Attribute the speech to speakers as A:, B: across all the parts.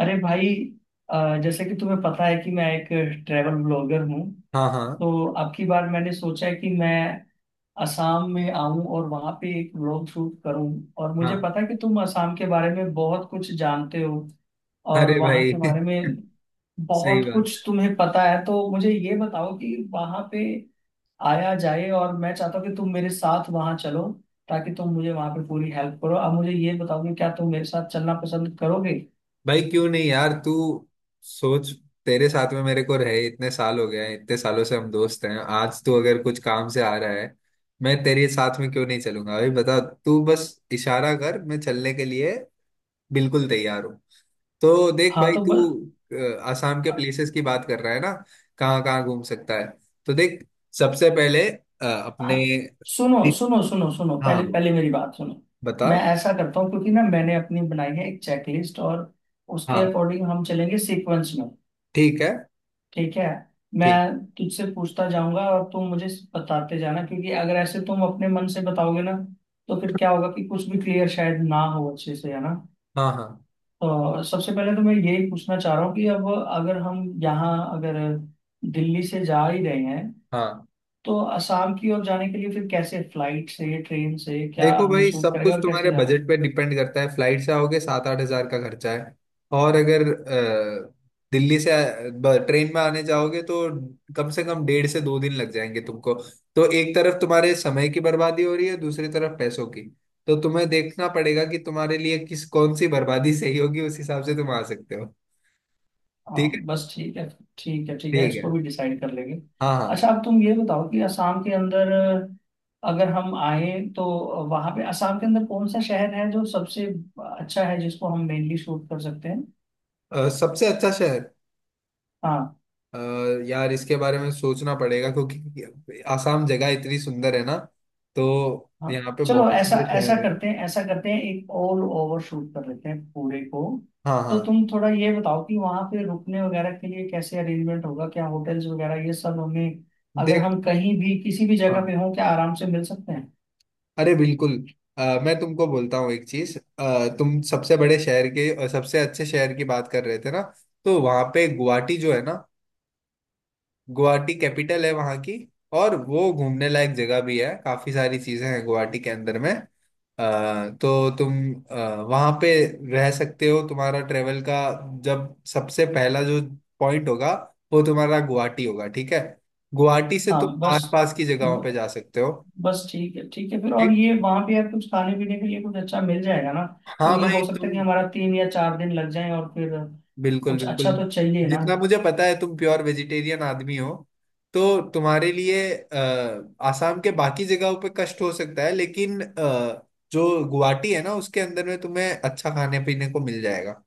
A: अरे भाई। जैसे कि तुम्हें पता है कि मैं एक ट्रैवल ब्लॉगर हूँ।
B: हाँ, हाँ,
A: तो अब की बार मैंने सोचा है कि मैं असम में आऊं और वहां पे एक ब्लॉग शूट करूं, और मुझे
B: हाँ।
A: पता है कि तुम असम के बारे में बहुत कुछ जानते हो
B: अरे
A: और वहां
B: भाई
A: के बारे में
B: सही
A: बहुत
B: बात।
A: कुछ तुम्हें पता है। तो मुझे ये बताओ कि वहां पे आया जाए, और मैं चाहता हूँ कि तुम मेरे साथ वहां चलो, ताकि तुम मुझे वहां पे पूरी हेल्प करो। अब मुझे ये बताओ कि क्या तुम मेरे साथ चलना पसंद करोगे।
B: भाई क्यों नहीं यार, तू सोच। तेरे साथ में मेरे को रहे इतने साल हो गए हैं, इतने सालों से हम दोस्त हैं। आज तू अगर कुछ काम से आ रहा है, मैं तेरे साथ में क्यों नहीं चलूंगा भाई? बता, तू बस इशारा कर, मैं चलने के लिए बिल्कुल तैयार हूँ। तो देख
A: हाँ
B: भाई,
A: तो
B: तू
A: बस।
B: आसाम के प्लेसेस की बात कर रहा है ना, कहाँ कहाँ घूम सकता है। तो देख, सबसे पहले अपने
A: हाँ, सुनो
B: ठीक-
A: सुनो सुनो सुनो,
B: हाँ
A: पहले
B: बोल,
A: पहले मेरी बात सुनो।
B: बता।
A: मैं ऐसा करता हूँ क्योंकि ना मैंने अपनी बनाई है एक चेकलिस्ट, और उसके
B: हाँ,
A: अकॉर्डिंग हम चलेंगे सीक्वेंस में।
B: ठीक है।
A: ठीक है। मैं
B: ठीक।
A: तुझसे पूछता जाऊंगा और तुम मुझे बताते जाना, क्योंकि अगर ऐसे तुम अपने मन से बताओगे ना, तो फिर क्या होगा कि कुछ भी क्लियर शायद ना हो अच्छे से, है ना।
B: हाँ, हाँ,
A: तो सबसे पहले तो मैं यही पूछना चाह रहा हूँ कि अब अगर हम यहाँ अगर दिल्ली से जा ही रहे हैं,
B: हाँ।
A: तो असम की ओर जाने के लिए फिर कैसे, फ्लाइट से, ट्रेन से, क्या
B: देखो
A: हमें
B: भाई,
A: सूट
B: सब
A: करेगा
B: कुछ
A: और कैसे
B: तुम्हारे
A: जाना है?
B: बजट पे डिपेंड करता है। फ्लाइट से आओगे सात आठ हजार का खर्चा है। और अगर दिल्ली से ट्रेन में आने जाओगे तो कम से कम डेढ़ से दो दिन लग जाएंगे तुमको। तो एक तरफ तुम्हारे समय की बर्बादी हो रही है, दूसरी तरफ पैसों की। तो तुम्हें देखना पड़ेगा कि तुम्हारे लिए किस, कौन सी बर्बादी सही होगी, उस हिसाब से तुम आ सकते हो।
A: हाँ
B: ठीक है।
A: बस ठीक है। ठीक है ठीक है,
B: ठीक है।
A: इसको भी डिसाइड कर लेंगे।
B: हाँ, हाँ।
A: अच्छा, अब तुम ये बताओ कि असम के अंदर अगर हम आए तो वहां पे असम के अंदर कौन सा शहर है जो सबसे अच्छा है जिसको हम मेनली शूट कर सकते हैं?
B: सबसे अच्छा शहर।
A: हाँ।
B: अ, यार इसके बारे में सोचना पड़ेगा, क्योंकि आसाम जगह इतनी सुंदर है ना, तो
A: हाँ
B: यहाँ पे
A: चलो
B: बहुत
A: ऐसा
B: सारे
A: ऐसा
B: शहर है।
A: करते हैं, ऐसा करते हैं, एक ऑल ओवर शूट कर लेते हैं पूरे को।
B: हाँ,
A: तो
B: हाँ।
A: तुम थोड़ा ये बताओ कि वहां पे रुकने वगैरह के लिए कैसे अरेंजमेंट होगा, क्या होटल्स वगैरह ये सब हमें अगर
B: देख।
A: हम कहीं भी किसी भी जगह
B: हाँ।
A: पे हों क्या आराम से मिल सकते हैं?
B: अरे बिल्कुल। मैं तुमको बोलता हूँ एक चीज, तुम सबसे बड़े शहर के और सबसे अच्छे शहर की बात कर रहे थे ना, तो वहाँ पे गुवाहाटी जो है ना, गुवाहाटी कैपिटल है वहाँ की। और वो घूमने लायक जगह भी है, काफी सारी चीजें हैं गुवाहाटी के अंदर में। तो तुम वहाँ पे रह सकते हो। तुम्हारा ट्रेवल का जब सबसे पहला जो पॉइंट होगा, वो तुम्हारा गुवाहाटी होगा, ठीक है। गुवाहाटी से तुम
A: हाँ बस।
B: आसपास की जगहों पे
A: ब,
B: जा सकते हो।
A: बस ठीक है। ठीक है फिर, और
B: ठीक।
A: ये वहां पे यार कुछ खाने पीने के लिए कुछ अच्छा मिल जाएगा ना,
B: हाँ
A: क्योंकि
B: भाई
A: हो सकता है
B: तुम।
A: कि हमारा तीन या चार दिन लग जाए, और फिर
B: बिल्कुल
A: कुछ अच्छा
B: बिल्कुल।
A: तो चाहिए ना।
B: जितना मुझे पता है, तुम प्योर वेजिटेरियन आदमी हो, तो तुम्हारे लिए आसाम के बाकी जगहों पे कष्ट हो सकता है, लेकिन जो गुवाहाटी है ना, उसके अंदर में तुम्हें अच्छा खाने पीने को मिल जाएगा।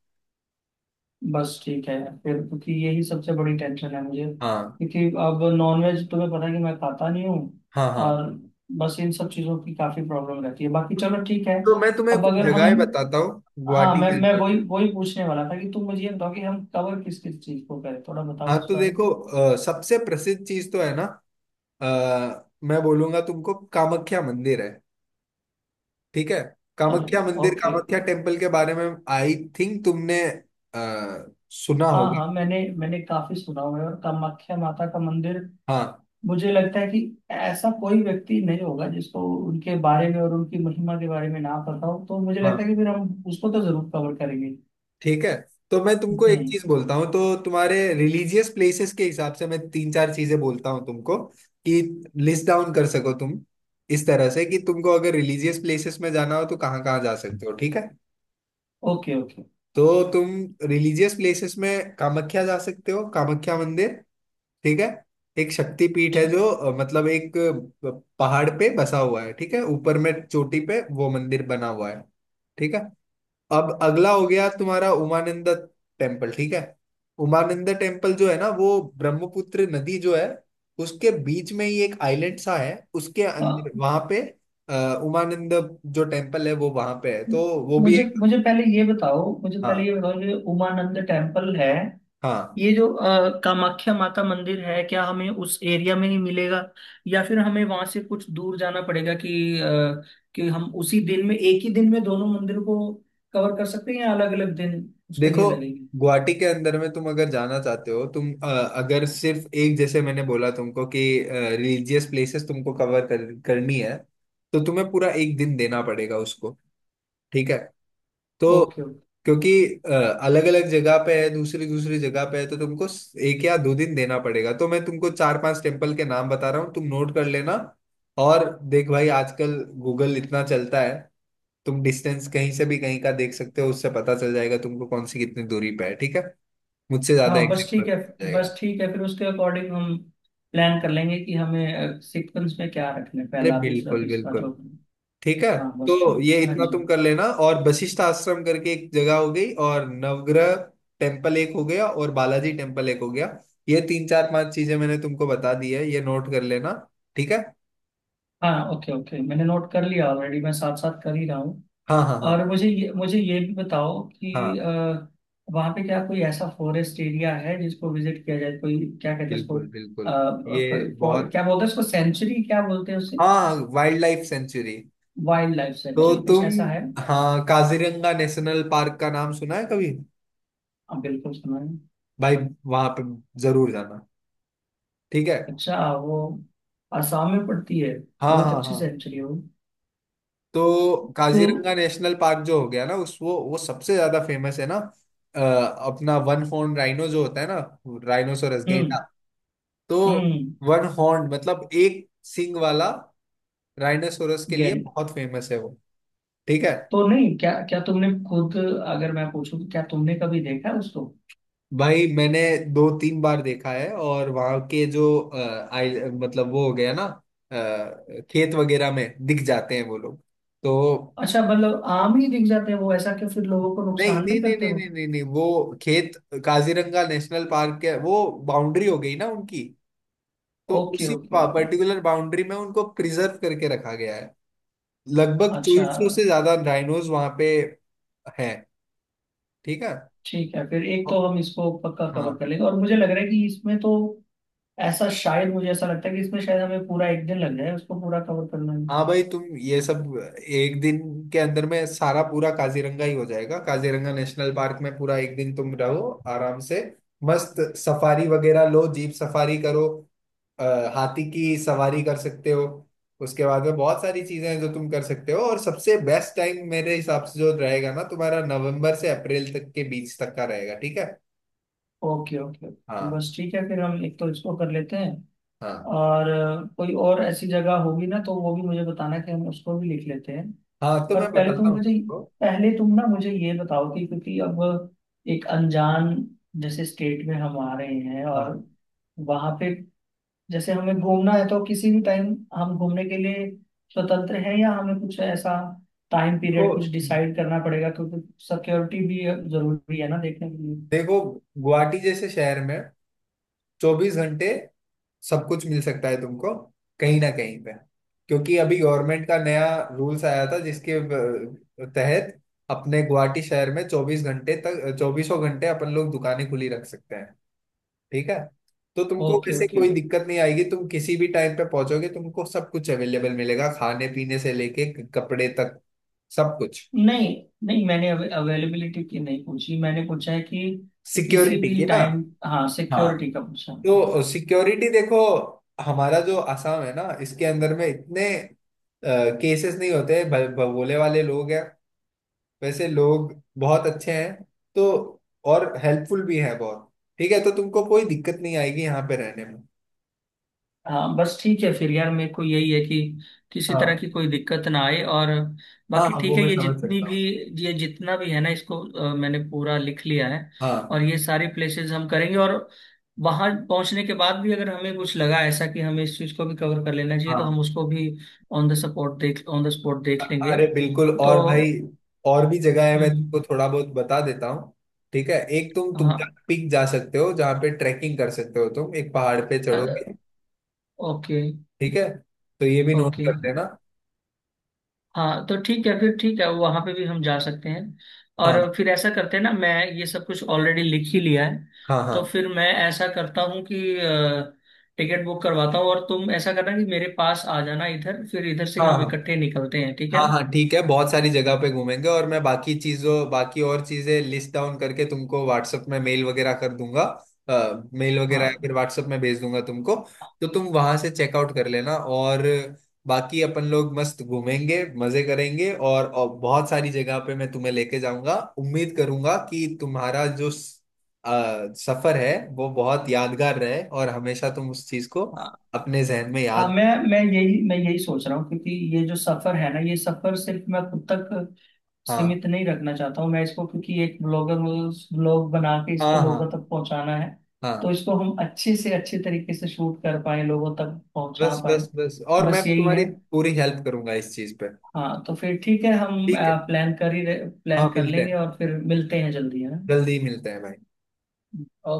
A: बस ठीक है फिर, क्योंकि यही सबसे बड़ी टेंशन है मुझे,
B: हाँ,
A: क्योंकि अब नॉनवेज तुम्हें पता है कि मैं खाता नहीं हूँ,
B: हाँ, हाँ।
A: और बस इन सब चीज़ों की काफ़ी प्रॉब्लम रहती है, बाकी चलो ठीक है।
B: तो मैं तुम्हें
A: अब
B: कुछ
A: अगर हम
B: जगहें बताता हूँ
A: हाँ,
B: गुवाहाटी
A: मैं
B: के
A: मैं
B: अंदर में।
A: वही वही पूछने वाला था कि तुम मुझे ये बताओ कि हम कवर किस किस चीज़ को करें, थोड़ा
B: हाँ
A: बताओ इस
B: तो
A: बारे
B: देखो,
A: में।
B: सबसे प्रसिद्ध चीज तो है ना, मैं बोलूंगा तुमको कामाख्या मंदिर है। ठीक है।
A: अरे,
B: कामाख्या मंदिर,
A: ओके।
B: कामाख्या टेम्पल के बारे में आई थिंक तुमने सुना हाँ
A: हाँ
B: होगा।
A: हाँ, मैंने मैंने काफ़ी सुना हुआ है, और कामाख्या माता का मंदिर,
B: हाँ,
A: मुझे लगता है कि ऐसा कोई व्यक्ति नहीं होगा जिसको उनके बारे में और उनकी महिमा के बारे में ना पता हो, तो मुझे
B: हाँ।
A: लगता है कि फिर हम उसको तो जरूर कवर करेंगे।
B: ठीक है। तो मैं तुमको एक
A: हम्म।
B: चीज बोलता हूँ, तो तुम्हारे रिलीजियस प्लेसेस के हिसाब से मैं तीन चार चीजें बोलता हूँ तुमको, कि लिस्ट डाउन कर सको तुम इस तरह से, कि तुमको अगर रिलीजियस प्लेसेस में जाना हो तो कहाँ कहाँ जा सकते हो, ठीक है।
A: Okay okay.
B: तो तुम रिलीजियस प्लेसेस में कामाख्या जा सकते हो, कामाख्या मंदिर, ठीक है। एक शक्तिपीठ है
A: ठीक।
B: जो मतलब एक पहाड़ पे बसा हुआ है, ठीक है, ऊपर में चोटी पे वो मंदिर बना हुआ है, ठीक है। अब अगला हो गया तुम्हारा उमानंद टेम्पल, ठीक है। उमानंद टेम्पल जो है ना वो ब्रह्मपुत्र नदी जो है, उसके बीच में ही एक आइलैंड सा है, उसके
A: अ,
B: अंदर वहां पे उमानंद जो टेम्पल है वो वहां पे है, तो वो भी
A: मुझे
B: एक।
A: मुझे पहले ये बताओ, मुझे पहले
B: हाँ,
A: ये बताओ, जो उमानंद टेम्पल है,
B: हाँ।
A: ये जो कामाख्या माता मंदिर है, क्या हमें उस एरिया में ही मिलेगा, या फिर हमें वहां से कुछ दूर जाना पड़ेगा कि हम उसी दिन में, एक ही दिन में दोनों मंदिर को कवर कर सकते हैं, या अलग अलग दिन उसके लिए
B: देखो,
A: लगेंगे?
B: गुवाहाटी के अंदर में तुम अगर जाना चाहते हो, तुम अगर सिर्फ एक, जैसे मैंने बोला तुमको कि रिलीजियस प्लेसेस तुमको कवर करनी है, तो तुम्हें पूरा एक दिन देना पड़ेगा उसको, ठीक है। तो
A: ओके ओके।
B: क्योंकि अलग अलग जगह पे है, दूसरी दूसरी जगह पे है, तो तुमको एक या दो दिन देना पड़ेगा। तो मैं तुमको चार पांच टेम्पल के नाम बता रहा हूँ, तुम नोट कर लेना। और देख भाई, आजकल गूगल इतना चलता है, तुम डिस्टेंस कहीं से भी कहीं का देख सकते हो, उससे पता चल जाएगा तुमको कौन सी कितनी दूरी पे है, ठीक है। मुझसे ज्यादा
A: हाँ बस
B: एग्जैक्ट
A: ठीक है।
B: पता चल जाएगा।
A: बस ठीक है फिर उसके अकॉर्डिंग हम प्लान कर लेंगे कि हमें सीक्वेंस में क्या रखना है,
B: अरे
A: पहला दूसरा
B: बिल्कुल
A: तीसरा
B: बिल्कुल।
A: चौथा।
B: ठीक है।
A: हाँ
B: तो
A: बस ठीक।
B: ये
A: हाँ
B: इतना तुम
A: जी।
B: कर लेना, और वशिष्ठ आश्रम करके एक जगह हो गई, और नवग्रह टेम्पल एक हो गया, और बालाजी टेम्पल एक हो गया। ये तीन चार पांच चीजें मैंने तुमको बता दी है, ये नोट कर लेना, ठीक है।
A: हाँ ओके ओके, मैंने नोट कर लिया ऑलरेडी, मैं साथ साथ कर ही रहा हूँ।
B: हाँ, हाँ, हाँ,
A: और मुझे ये भी बताओ कि
B: हाँ।
A: वहाँ पे क्या कोई ऐसा फॉरेस्ट एरिया है जिसको विजिट किया जाए, कोई क्या कहते हैं उसको,
B: बिल्कुल
A: अ,
B: बिल्कुल। ये
A: कोई
B: बहुत।
A: क्या बोलते हैं उसको, सेंचुरी क्या बोलते हैं उसे?
B: हाँ wildlife sanctuary.
A: Wildlife
B: तो
A: सेंचुरी, कुछ
B: तुम।
A: ऐसा है हाँ।
B: हाँ, काजीरंगा नेशनल पार्क का नाम सुना है कभी?
A: बिल्कुल सुना है।
B: भाई वहां पे जरूर जाना, ठीक है।
A: अच्छा, वो आसाम में पड़ती है?
B: हाँ,
A: बहुत
B: हाँ,
A: अच्छी
B: हाँ।
A: सेंचुरी हो
B: तो
A: तो।
B: काजीरंगा नेशनल पार्क जो हो गया ना, उस वो सबसे ज्यादा फेमस है ना, अपना वन हॉर्न राइनो जो होता है ना, राइनोसोरस, गेंडा।
A: हम्म।
B: तो
A: हम्म।
B: वन हॉर्न मतलब एक सिंग वाला राइनोसोरस के लिए
A: गेंद।
B: बहुत फेमस है वो, ठीक है।
A: तो नहीं, क्या क्या तुमने खुद, अगर मैं पूछूं तो क्या तुमने कभी देखा है उसको?
B: भाई मैंने दो तीन बार देखा है, और वहां के जो आई मतलब वो हो गया ना, खेत वगैरह में दिख जाते हैं वो लोग। तो
A: अच्छा, मतलब आम ही दिख जाते हैं वो, ऐसा कि फिर लोगों को
B: नहीं,
A: नुकसान
B: नहीं,
A: नहीं
B: नहीं,
A: करते
B: नहीं,
A: वो?
B: नहीं, नहीं, नहीं, वो खेत काजीरंगा नेशनल पार्क के वो बाउंड्री हो गई ना उनकी, तो
A: ओके
B: उसी
A: ओके ओके।
B: पर्टिकुलर बाउंड्री में उनको प्रिजर्व करके रखा गया है। लगभग
A: अच्छा
B: 2400 से ज्यादा राइनोज वहां पे हैं, ठीक है।
A: ठीक है फिर, एक तो
B: और-
A: हम इसको पक्का कवर
B: हाँ,
A: कर लेंगे, और मुझे लग रहा है कि इसमें तो ऐसा, शायद मुझे ऐसा लगता है कि इसमें शायद हमें पूरा एक दिन लग जाए उसको पूरा कवर करने में।
B: हाँ। भाई तुम ये सब एक दिन के अंदर में सारा पूरा काजीरंगा ही हो जाएगा, काजीरंगा नेशनल पार्क में पूरा एक दिन तुम रहो आराम से। मस्त सफारी वगैरह लो, जीप सफारी करो, अ, हाथी की सवारी कर सकते हो। उसके बाद में बहुत सारी चीजें हैं जो तुम कर सकते हो, और सबसे बेस्ट टाइम मेरे हिसाब से जो रहेगा ना तुम्हारा, नवंबर से अप्रैल तक के बीच तक का रहेगा, ठीक है।
A: Okay okay.
B: हाँ,
A: बस ठीक है फिर, हम एक तो इसको कर लेते हैं,
B: हाँ,
A: और कोई और ऐसी जगह होगी ना तो वो भी मुझे बताना कि हम उसको भी लिख लेते हैं।
B: हाँ। तो
A: पर
B: मैं बताता हूँ तुमको।
A: पहले तुम ना मुझे ये बताओ कि, क्योंकि अब एक अनजान जैसे स्टेट में हम आ रहे हैं, और
B: हाँ
A: वहां पे जैसे हमें घूमना है तो किसी भी टाइम हम घूमने के लिए स्वतंत्र हैं, या हमें कुछ ऐसा टाइम पीरियड कुछ
B: देखो,
A: डिसाइड करना पड़ेगा, क्योंकि सिक्योरिटी भी जरूरी है ना देखने के लिए।
B: देखो, गुवाहाटी जैसे शहर में 24 घंटे सब कुछ मिल सकता है तुमको, कहीं ना कहीं पे। क्योंकि अभी गवर्नमेंट का नया रूल्स आया था, जिसके तहत अपने गुवाहाटी शहर में 24 घंटे तक, चौबीसों घंटे अपन लोग दुकानें खुली रख सकते हैं, ठीक है। तो तुमको
A: ओके
B: वैसे
A: ओके।
B: कोई दिक्कत नहीं आएगी, तुम किसी भी टाइम पे पहुंचोगे तुमको सब कुछ अवेलेबल मिलेगा, खाने पीने से लेके कपड़े तक सब कुछ।
A: नहीं नहीं, मैंने अवेलेबिलिटी की नहीं पूछी, मैंने पूछा है कि किसी
B: सिक्योरिटी
A: भी
B: की ना।
A: टाइम, हाँ,
B: हाँ,
A: सिक्योरिटी का पूछा।
B: तो सिक्योरिटी देखो, हमारा जो आसाम है ना, इसके अंदर में इतने केसेस नहीं होते, भगोले वाले लोग हैं। वैसे लोग बहुत अच्छे हैं, तो और हेल्पफुल भी हैं बहुत, ठीक है। तो तुमको कोई दिक्कत नहीं आएगी यहाँ पे रहने में।
A: हाँ बस ठीक है फिर यार, मेरे को यही है कि किसी तरह
B: हाँ,
A: की कोई दिक्कत ना आए, और
B: हाँ,
A: बाकी
B: हाँ, वो
A: ठीक है।
B: मैं समझ सकता हूँ।
A: ये जितना भी है ना इसको, मैंने पूरा लिख लिया है,
B: हाँ,
A: और ये सारी प्लेसेस हम करेंगे, और वहां पहुंचने के बाद भी अगर हमें कुछ लगा ऐसा कि हमें इस चीज को भी कवर कर लेना चाहिए, तो हम
B: हाँ।
A: उसको भी ऑन द स्पॉट
B: अ-
A: देख लेंगे।
B: अरे बिल्कुल, और भाई
A: तो
B: और भी जगह है, मैं तुमको
A: हम्म।
B: थोड़ा बहुत बता देता हूँ, ठीक है। एक तुम तुमका
A: हाँ।
B: पीक जा सकते हो, जहाँ पे ट्रैकिंग कर सकते हो, तुम एक पहाड़ पे
A: अरे
B: चढ़ोगे,
A: ओके
B: ठीक है, तो ये भी नोट
A: ओके।
B: कर लेना।
A: हाँ तो ठीक है फिर, ठीक है वहां पे भी हम जा सकते हैं। और
B: हाँ,
A: फिर ऐसा करते हैं ना, मैं ये सब कुछ ऑलरेडी लिख ही लिया है,
B: हाँ,
A: तो
B: हाँ,
A: फिर मैं ऐसा करता हूँ कि टिकट बुक करवाता हूँ, और तुम ऐसा करना कि मेरे पास आ जाना इधर, फिर इधर से ही
B: हाँ,
A: हम
B: हाँ,
A: इकट्ठे निकलते हैं, ठीक है
B: हाँ,
A: ना?
B: हाँ। ठीक है, बहुत सारी जगह पे घूमेंगे, और मैं बाकी और चीजें लिस्ट डाउन करके तुमको व्हाट्सएप में मेल वगैरह कर दूंगा। मेल वगैरह या
A: हाँ
B: फिर व्हाट्सएप में भेज दूंगा तुमको। तो तुम वहां से चेकआउट कर लेना, और बाकी अपन लोग मस्त घूमेंगे, मजे करेंगे, और, बहुत सारी जगह पे मैं तुम्हें लेके जाऊंगा। उम्मीद करूंगा कि तुम्हारा जो सफर है, वो बहुत यादगार रहे और हमेशा तुम उस चीज को
A: हाँ
B: अपने जहन में
A: हाँ,
B: याद।
A: मैं यही सोच रहा हूँ, क्योंकि ये जो सफर है ना, ये सफर सिर्फ मैं खुद तक
B: हाँ,
A: सीमित नहीं रखना चाहता हूँ मैं इसको, क्योंकि एक ब्लॉगर ब्लॉग बना के इसको
B: हाँ,
A: लोगों
B: हाँ,
A: तक पहुंचाना है, तो
B: हाँ।
A: इसको हम अच्छे से अच्छे तरीके से शूट कर पाए, लोगों तक पहुंचा
B: बस,
A: पाए,
B: बस, बस, और मैं
A: बस यही
B: तुम्हारी
A: है।
B: पूरी हेल्प करूंगा इस चीज पे,
A: हाँ तो फिर ठीक है, हम
B: ठीक है।
A: प्लान कर ही
B: हाँ,
A: प्लान कर
B: मिलते
A: लेंगे,
B: हैं,
A: और फिर मिलते हैं जल्दी, है
B: जल्दी मिलते हैं भाई।
A: ना।